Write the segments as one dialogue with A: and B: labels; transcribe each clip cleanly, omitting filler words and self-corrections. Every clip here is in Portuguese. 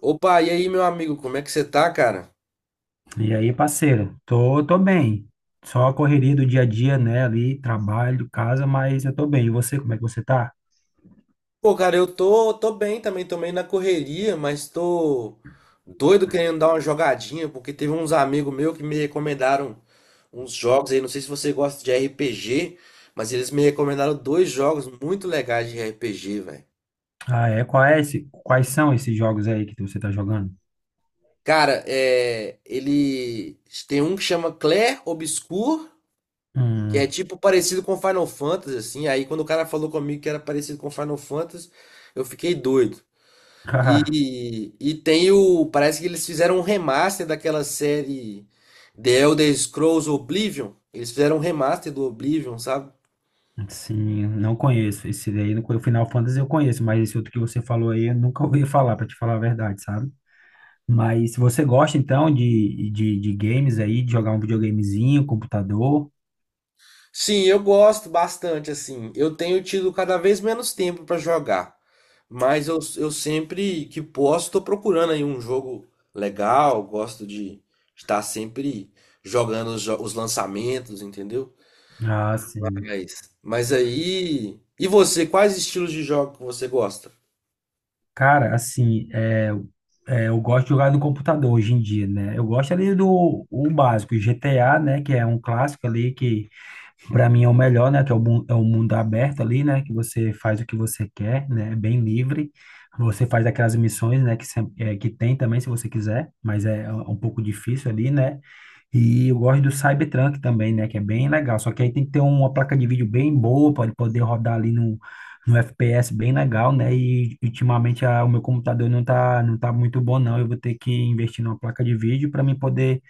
A: Opa, e aí, meu amigo, como é que você tá, cara?
B: E aí, parceiro, tô bem. Só a correria do dia a dia, né? Ali, trabalho, casa, mas eu tô bem. E você, como é que você tá?
A: Pô, cara, eu tô bem também, tô meio na correria, mas tô doido querendo dar uma jogadinha, porque teve uns amigos meus que me recomendaram uns jogos aí, não sei se você gosta de RPG, mas eles me recomendaram dois jogos muito legais de RPG, velho.
B: Ah, é? Qual é esse, quais são esses jogos aí que você tá jogando?
A: Cara, ele tem um que chama Clair Obscur, que
B: Hum.
A: é tipo parecido com Final Fantasy, assim, aí quando o cara falou comigo que era parecido com Final Fantasy, eu fiquei doido.
B: Cara,
A: E tem o. Parece que eles fizeram um remaster daquela série The Elder Scrolls Oblivion. Eles fizeram um remaster do Oblivion, sabe?
B: sim, não conheço. Esse daí, o Final Fantasy eu conheço, mas esse outro que você falou aí eu nunca ouvi falar, pra te falar a verdade, sabe? Mas se você gosta, então, de games aí, de jogar um videogamezinho, computador,
A: Sim, eu gosto bastante, assim. Eu tenho tido cada vez menos tempo pra jogar. Mas eu sempre que posso, tô procurando aí um jogo legal. Gosto de estar sempre jogando os lançamentos, entendeu?
B: ah, sim.
A: Mas aí. E você, quais estilos de jogo que você gosta?
B: Cara, assim, eu gosto de jogar no computador hoje em dia, né? Eu gosto ali do o básico, GTA, né? Que é um clássico ali, que pra mim é o melhor, né? Que é o mundo aberto ali, né? Que você faz o que você quer, né? É bem livre. Você faz aquelas missões, né? Que tem também, se você quiser, mas é um pouco difícil ali, né? E eu gosto do Cybertruck também, né? Que é bem legal. Só que aí tem que ter uma placa de vídeo bem boa para ele poder rodar ali no FPS bem legal, né? E ultimamente o meu computador não tá muito bom, não. Eu vou ter que investir numa placa de vídeo para mim poder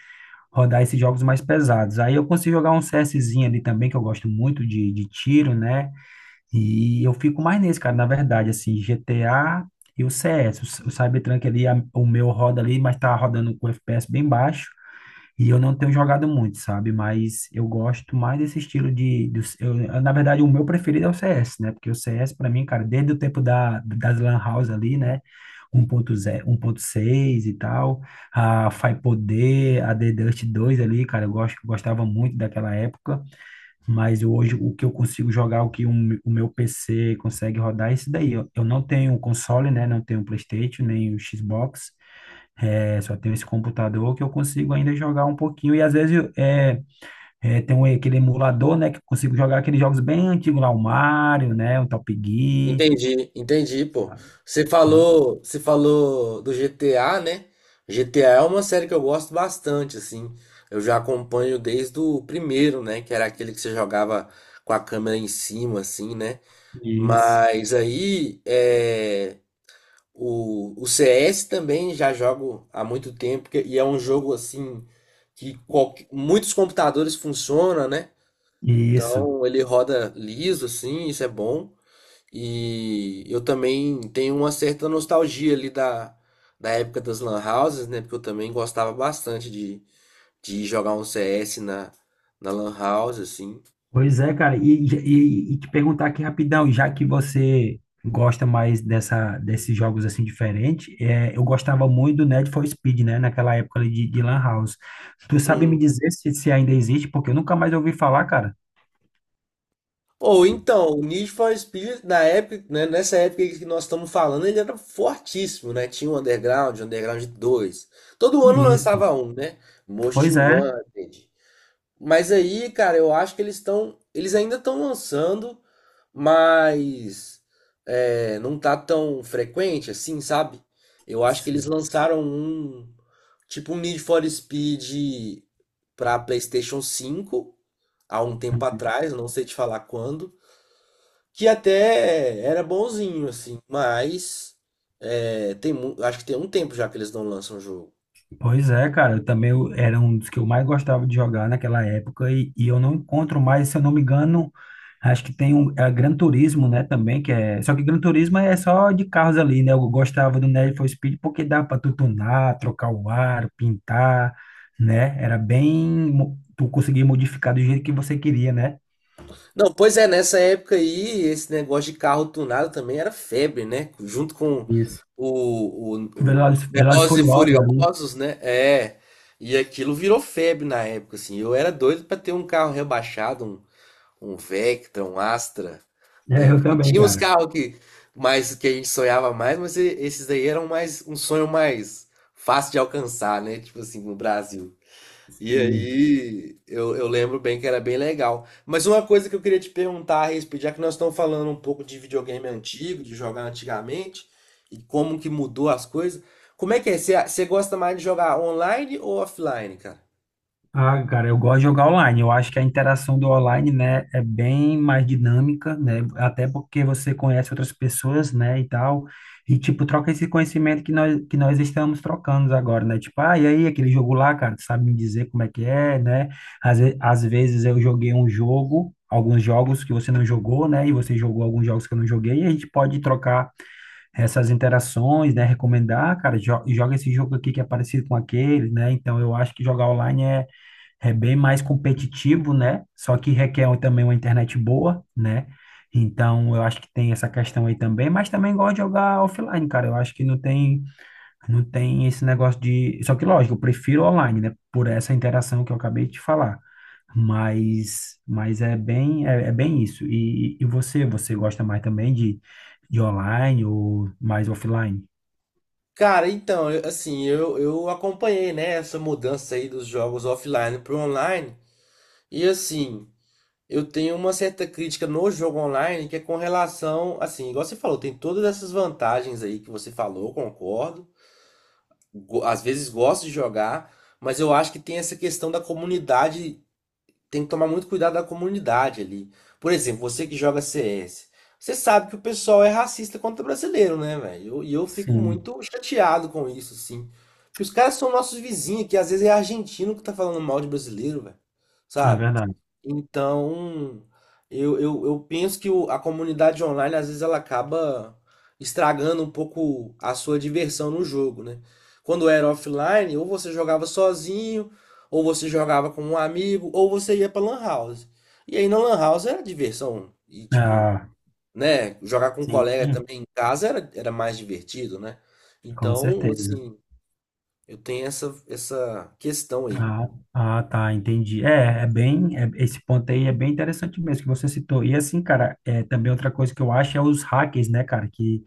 B: rodar esses jogos mais pesados. Aí eu consigo jogar um CSzinho ali também, que eu gosto muito de tiro, né? E eu fico mais nesse, cara, na verdade, assim, GTA. E o CS, o Cybertruck ali, o meu roda ali, mas tá rodando com FPS bem baixo. E eu não tenho jogado muito, sabe? Mas eu gosto mais desse estilo eu, na verdade, o meu preferido é o CS, né? Porque o CS, pra mim, cara, desde o tempo das Lan House ali, né? 1.0, 1.6 e tal, a Faipoder, a The Dust 2 ali, cara, eu gosto, gostava muito daquela época, mas hoje o que eu consigo jogar, o que o meu PC consegue rodar é isso daí. Eu não tenho console, né? Não tenho PlayStation, nem o Xbox, só tenho esse computador que eu consigo ainda jogar um pouquinho. E às vezes tem aquele emulador, né? Que eu consigo jogar aqueles jogos bem antigos lá, o Mario, né? O Top Gear,
A: Entendi, entendi, pô.
B: sabe?
A: Você falou do GTA, né? GTA é uma série que eu gosto bastante, assim. Eu já acompanho desde o primeiro, né? Que era aquele que você jogava com a câmera em cima, assim, né?
B: Isso.
A: Mas aí, o CS também já jogo há muito tempo e é um jogo, assim, que muitos computadores funcionam, né?
B: Isso.
A: Então ele roda liso, assim, isso é bom. E eu também tenho uma certa nostalgia ali da época das lan houses, né? Porque eu também gostava bastante de ir jogar um CS na lan house, assim.
B: Pois é, cara. E te perguntar aqui rapidão, já que você gosta mais dessa, desses jogos assim diferentes, eu gostava muito do Need for Speed, né? Naquela época ali de Lan House. Tu sabe me
A: Uhum.
B: dizer se ainda existe? Porque eu nunca mais ouvi falar, cara.
A: Ou então, o Need for Speed, na época, né, nessa época que nós estamos falando, ele era fortíssimo, né? Tinha o Underground dois. Todo ano
B: Isso.
A: lançava um, né? Most
B: Pois é.
A: Wanted. Mas aí, cara, eu acho que eles ainda estão lançando, mas é, não tá tão frequente assim, sabe? Eu acho que eles
B: Sim.
A: lançaram um, tipo um Need for Speed pra PlayStation 5 há um tempo atrás, eu não sei te falar quando, que até era bonzinho assim, mas é, acho que tem um tempo já que eles não lançam o jogo.
B: Pois é, cara, eu também era um dos que eu mais gostava de jogar naquela época e eu não encontro mais, se eu não me engano, acho que tem um Gran Turismo, né, também, só que Gran Turismo é só de carros ali, né? Eu gostava do Need for Speed porque dá para tu tunar, trocar o aro, pintar, né? Era bem tu conseguia modificar do jeito que você queria, né?
A: Não, pois é, nessa época aí, esse negócio de carro tunado também era febre, né? Junto com
B: Isso.
A: o
B: Velozes e
A: Velozes e
B: Furiosos ali.
A: Furiosos, né? É. E aquilo virou febre na época, assim. Eu era doido pra ter um carro rebaixado, um Vectra, um Astra,
B: É,
A: né?
B: eu
A: Porque
B: também,
A: tinha uns
B: cara.
A: carros que, mais, que a gente sonhava mais, mas esses daí eram mais um sonho mais fácil de alcançar, né? Tipo assim, no Brasil. E
B: Sim.
A: aí, eu lembro bem que era bem legal. Mas uma coisa que eu queria te perguntar a respeito, já que nós estamos falando um pouco de videogame antigo, de jogar antigamente, e como que mudou as coisas, como é que é? Você gosta mais de jogar online ou offline, cara?
B: Ah, cara, eu gosto de jogar online. Eu acho que a interação do online, né, é bem mais dinâmica, né? Até porque você conhece outras pessoas, né, e tal. E, tipo, troca esse conhecimento que nós estamos trocando agora, né? Tipo, ah, e aí, aquele jogo lá, cara, tu sabe me dizer como é que é, né? Às vezes eu joguei um jogo, alguns jogos que você não jogou, né? E você jogou alguns jogos que eu não joguei. E a gente pode trocar essas interações, né? Recomendar, "Ah, cara, joga esse jogo aqui que é parecido com aquele, né? Então, eu acho que jogar online é bem mais competitivo, né? Só que requer um, também uma internet boa, né? Então, eu acho que tem essa questão aí também, mas também gosto de jogar offline, cara. Eu acho que não tem esse negócio de. Só que, lógico, eu prefiro online, né? Por essa interação que eu acabei de falar. Mas é bem isso. E você, você gosta mais também de online ou mais offline?
A: Cara, então, eu acompanhei, né, essa mudança aí dos jogos offline para online. E assim, eu tenho uma certa crítica no jogo online que é com relação, assim, igual você falou, tem todas essas vantagens aí que você falou, concordo. Às vezes gosto de jogar, mas eu acho que tem essa questão da comunidade, tem que tomar muito cuidado da comunidade ali. Por exemplo, você que joga CS, você sabe que o pessoal é racista contra brasileiro, né, velho? E eu fico
B: Sim,
A: muito chateado com isso, assim. Porque os caras são nossos vizinhos, que às vezes é argentino que tá falando mal de brasileiro, velho.
B: é
A: Sabe?
B: verdade.
A: Então, eu penso que a comunidade online, às vezes, ela acaba estragando um pouco a sua diversão no jogo, né? Quando era offline, ou você jogava sozinho, ou você jogava com um amigo, ou você ia pra Lan House. E aí na Lan House era diversão. E tipo,
B: Ah,
A: né? Jogar com um
B: sim,
A: colega também em casa era, era mais divertido, né?
B: com
A: Então,
B: certeza.
A: assim, eu tenho essa, essa questão aí.
B: Ah, tá, entendi. Esse ponto aí é bem interessante mesmo que você citou. E assim, cara, também outra coisa que eu acho é os hackers, né, cara, que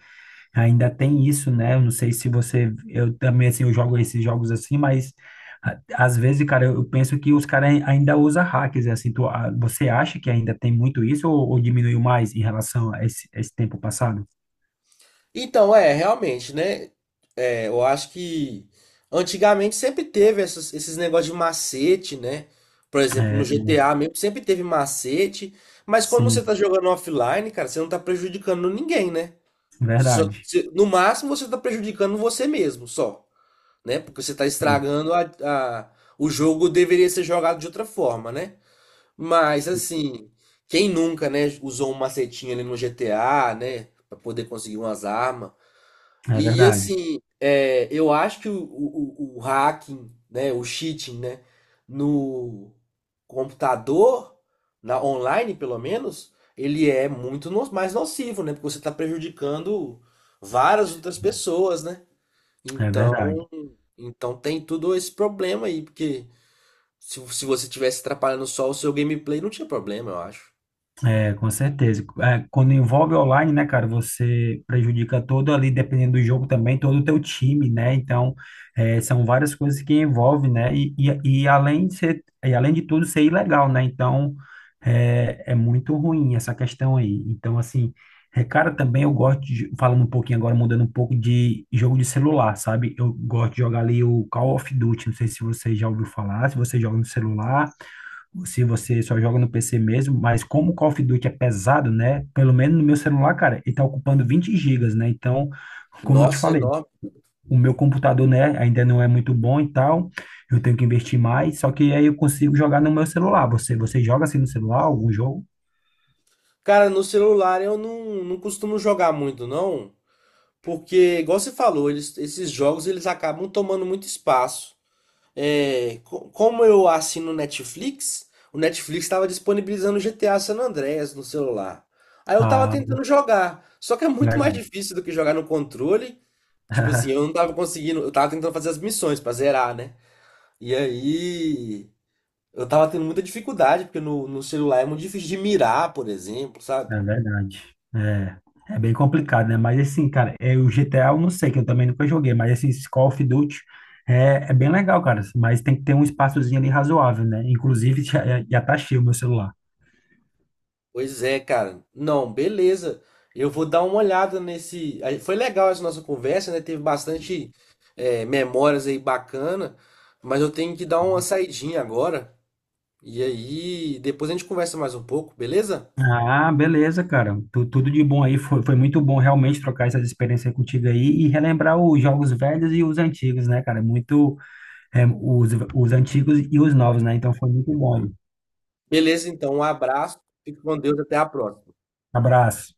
B: ainda tem isso, né? Eu não sei se você, eu também, assim, eu jogo esses jogos assim, mas às vezes, cara, eu penso que os caras ainda usam hackers, assim, você acha que ainda tem muito isso ou diminuiu mais em relação a esse tempo passado?
A: Então, é, realmente, né? É, eu acho que antigamente sempre teve esses negócios de macete, né? Por exemplo,
B: É,
A: no GTA mesmo sempre teve macete. Mas quando você tá
B: sim,
A: jogando offline, cara, você não tá prejudicando ninguém, né? Só que
B: verdade.
A: no máximo você está prejudicando você mesmo, só, né? Porque você está
B: Sim,
A: estragando o jogo deveria ser jogado de outra forma, né? Mas assim, quem nunca, né, usou um macetinho ali no GTA, né, para poder conseguir umas armas?
B: é
A: E
B: verdade,
A: assim, é, eu acho que o hacking, né, o cheating, né, no computador, na online pelo menos, ele é muito mais nocivo, né, porque você está prejudicando várias outras pessoas, né?
B: é verdade.
A: Então, então tem tudo esse problema aí, porque se você tivesse atrapalhando só o seu gameplay, não tinha problema, eu acho.
B: É, com certeza. É, quando envolve online, né, cara, você prejudica todo ali, dependendo do jogo também, todo o teu time, né? Então, é, são várias coisas que envolvem, né? E além de tudo, ser ilegal, né? Então, é muito ruim essa questão aí. Então, assim, cara, também eu gosto de, falando um pouquinho agora, mudando um pouco de jogo de celular, sabe? Eu gosto de jogar ali o Call of Duty, não sei se você já ouviu falar, se você joga no celular, se você só joga no PC mesmo, mas como o Call of Duty é pesado, né? Pelo menos no meu celular, cara, ele tá ocupando 20 gigas, né? Então, como eu te
A: Nossa, é
B: falei,
A: enorme.
B: o meu computador, né, ainda não é muito bom e tal, eu tenho que investir mais, só que aí eu consigo jogar no meu celular. Você joga assim no celular algum jogo?
A: Cara, no celular eu não costumo jogar muito, não. Porque, igual você falou, esses jogos eles acabam tomando muito espaço. É, como eu assino Netflix, o Netflix estava disponibilizando GTA San Andreas no celular. Aí eu tava
B: Ah,
A: tentando jogar, só que é muito mais
B: legal.
A: difícil do que jogar no controle. Tipo assim, eu não tava conseguindo, eu tava tentando fazer as missões pra zerar, né? E aí eu tava tendo muita dificuldade, porque no celular é muito difícil de mirar, por exemplo, sabe?
B: É verdade. É, é bem complicado, né? Mas assim, cara, o G GTA eu não sei, que eu também nunca joguei, mas assim, esse Call of Duty é bem legal, cara. Mas tem que ter um espaçozinho ali razoável, né? Inclusive, já tá cheio o meu celular.
A: Pois é, cara. Não, beleza. Eu vou dar uma olhada nesse. Aí, foi legal essa nossa conversa, né? Teve bastante memórias aí bacana, mas eu tenho que dar uma saidinha agora. E aí, depois a gente conversa mais um pouco, beleza?
B: Ah, beleza, cara. Tudo de bom aí. Foi muito bom realmente trocar essas experiências contigo aí e relembrar os jogos velhos e os antigos, né, cara? Os antigos e os novos, né? Então foi muito bom.
A: Beleza, então, um abraço, fique com Deus, até a próxima.
B: Abraço.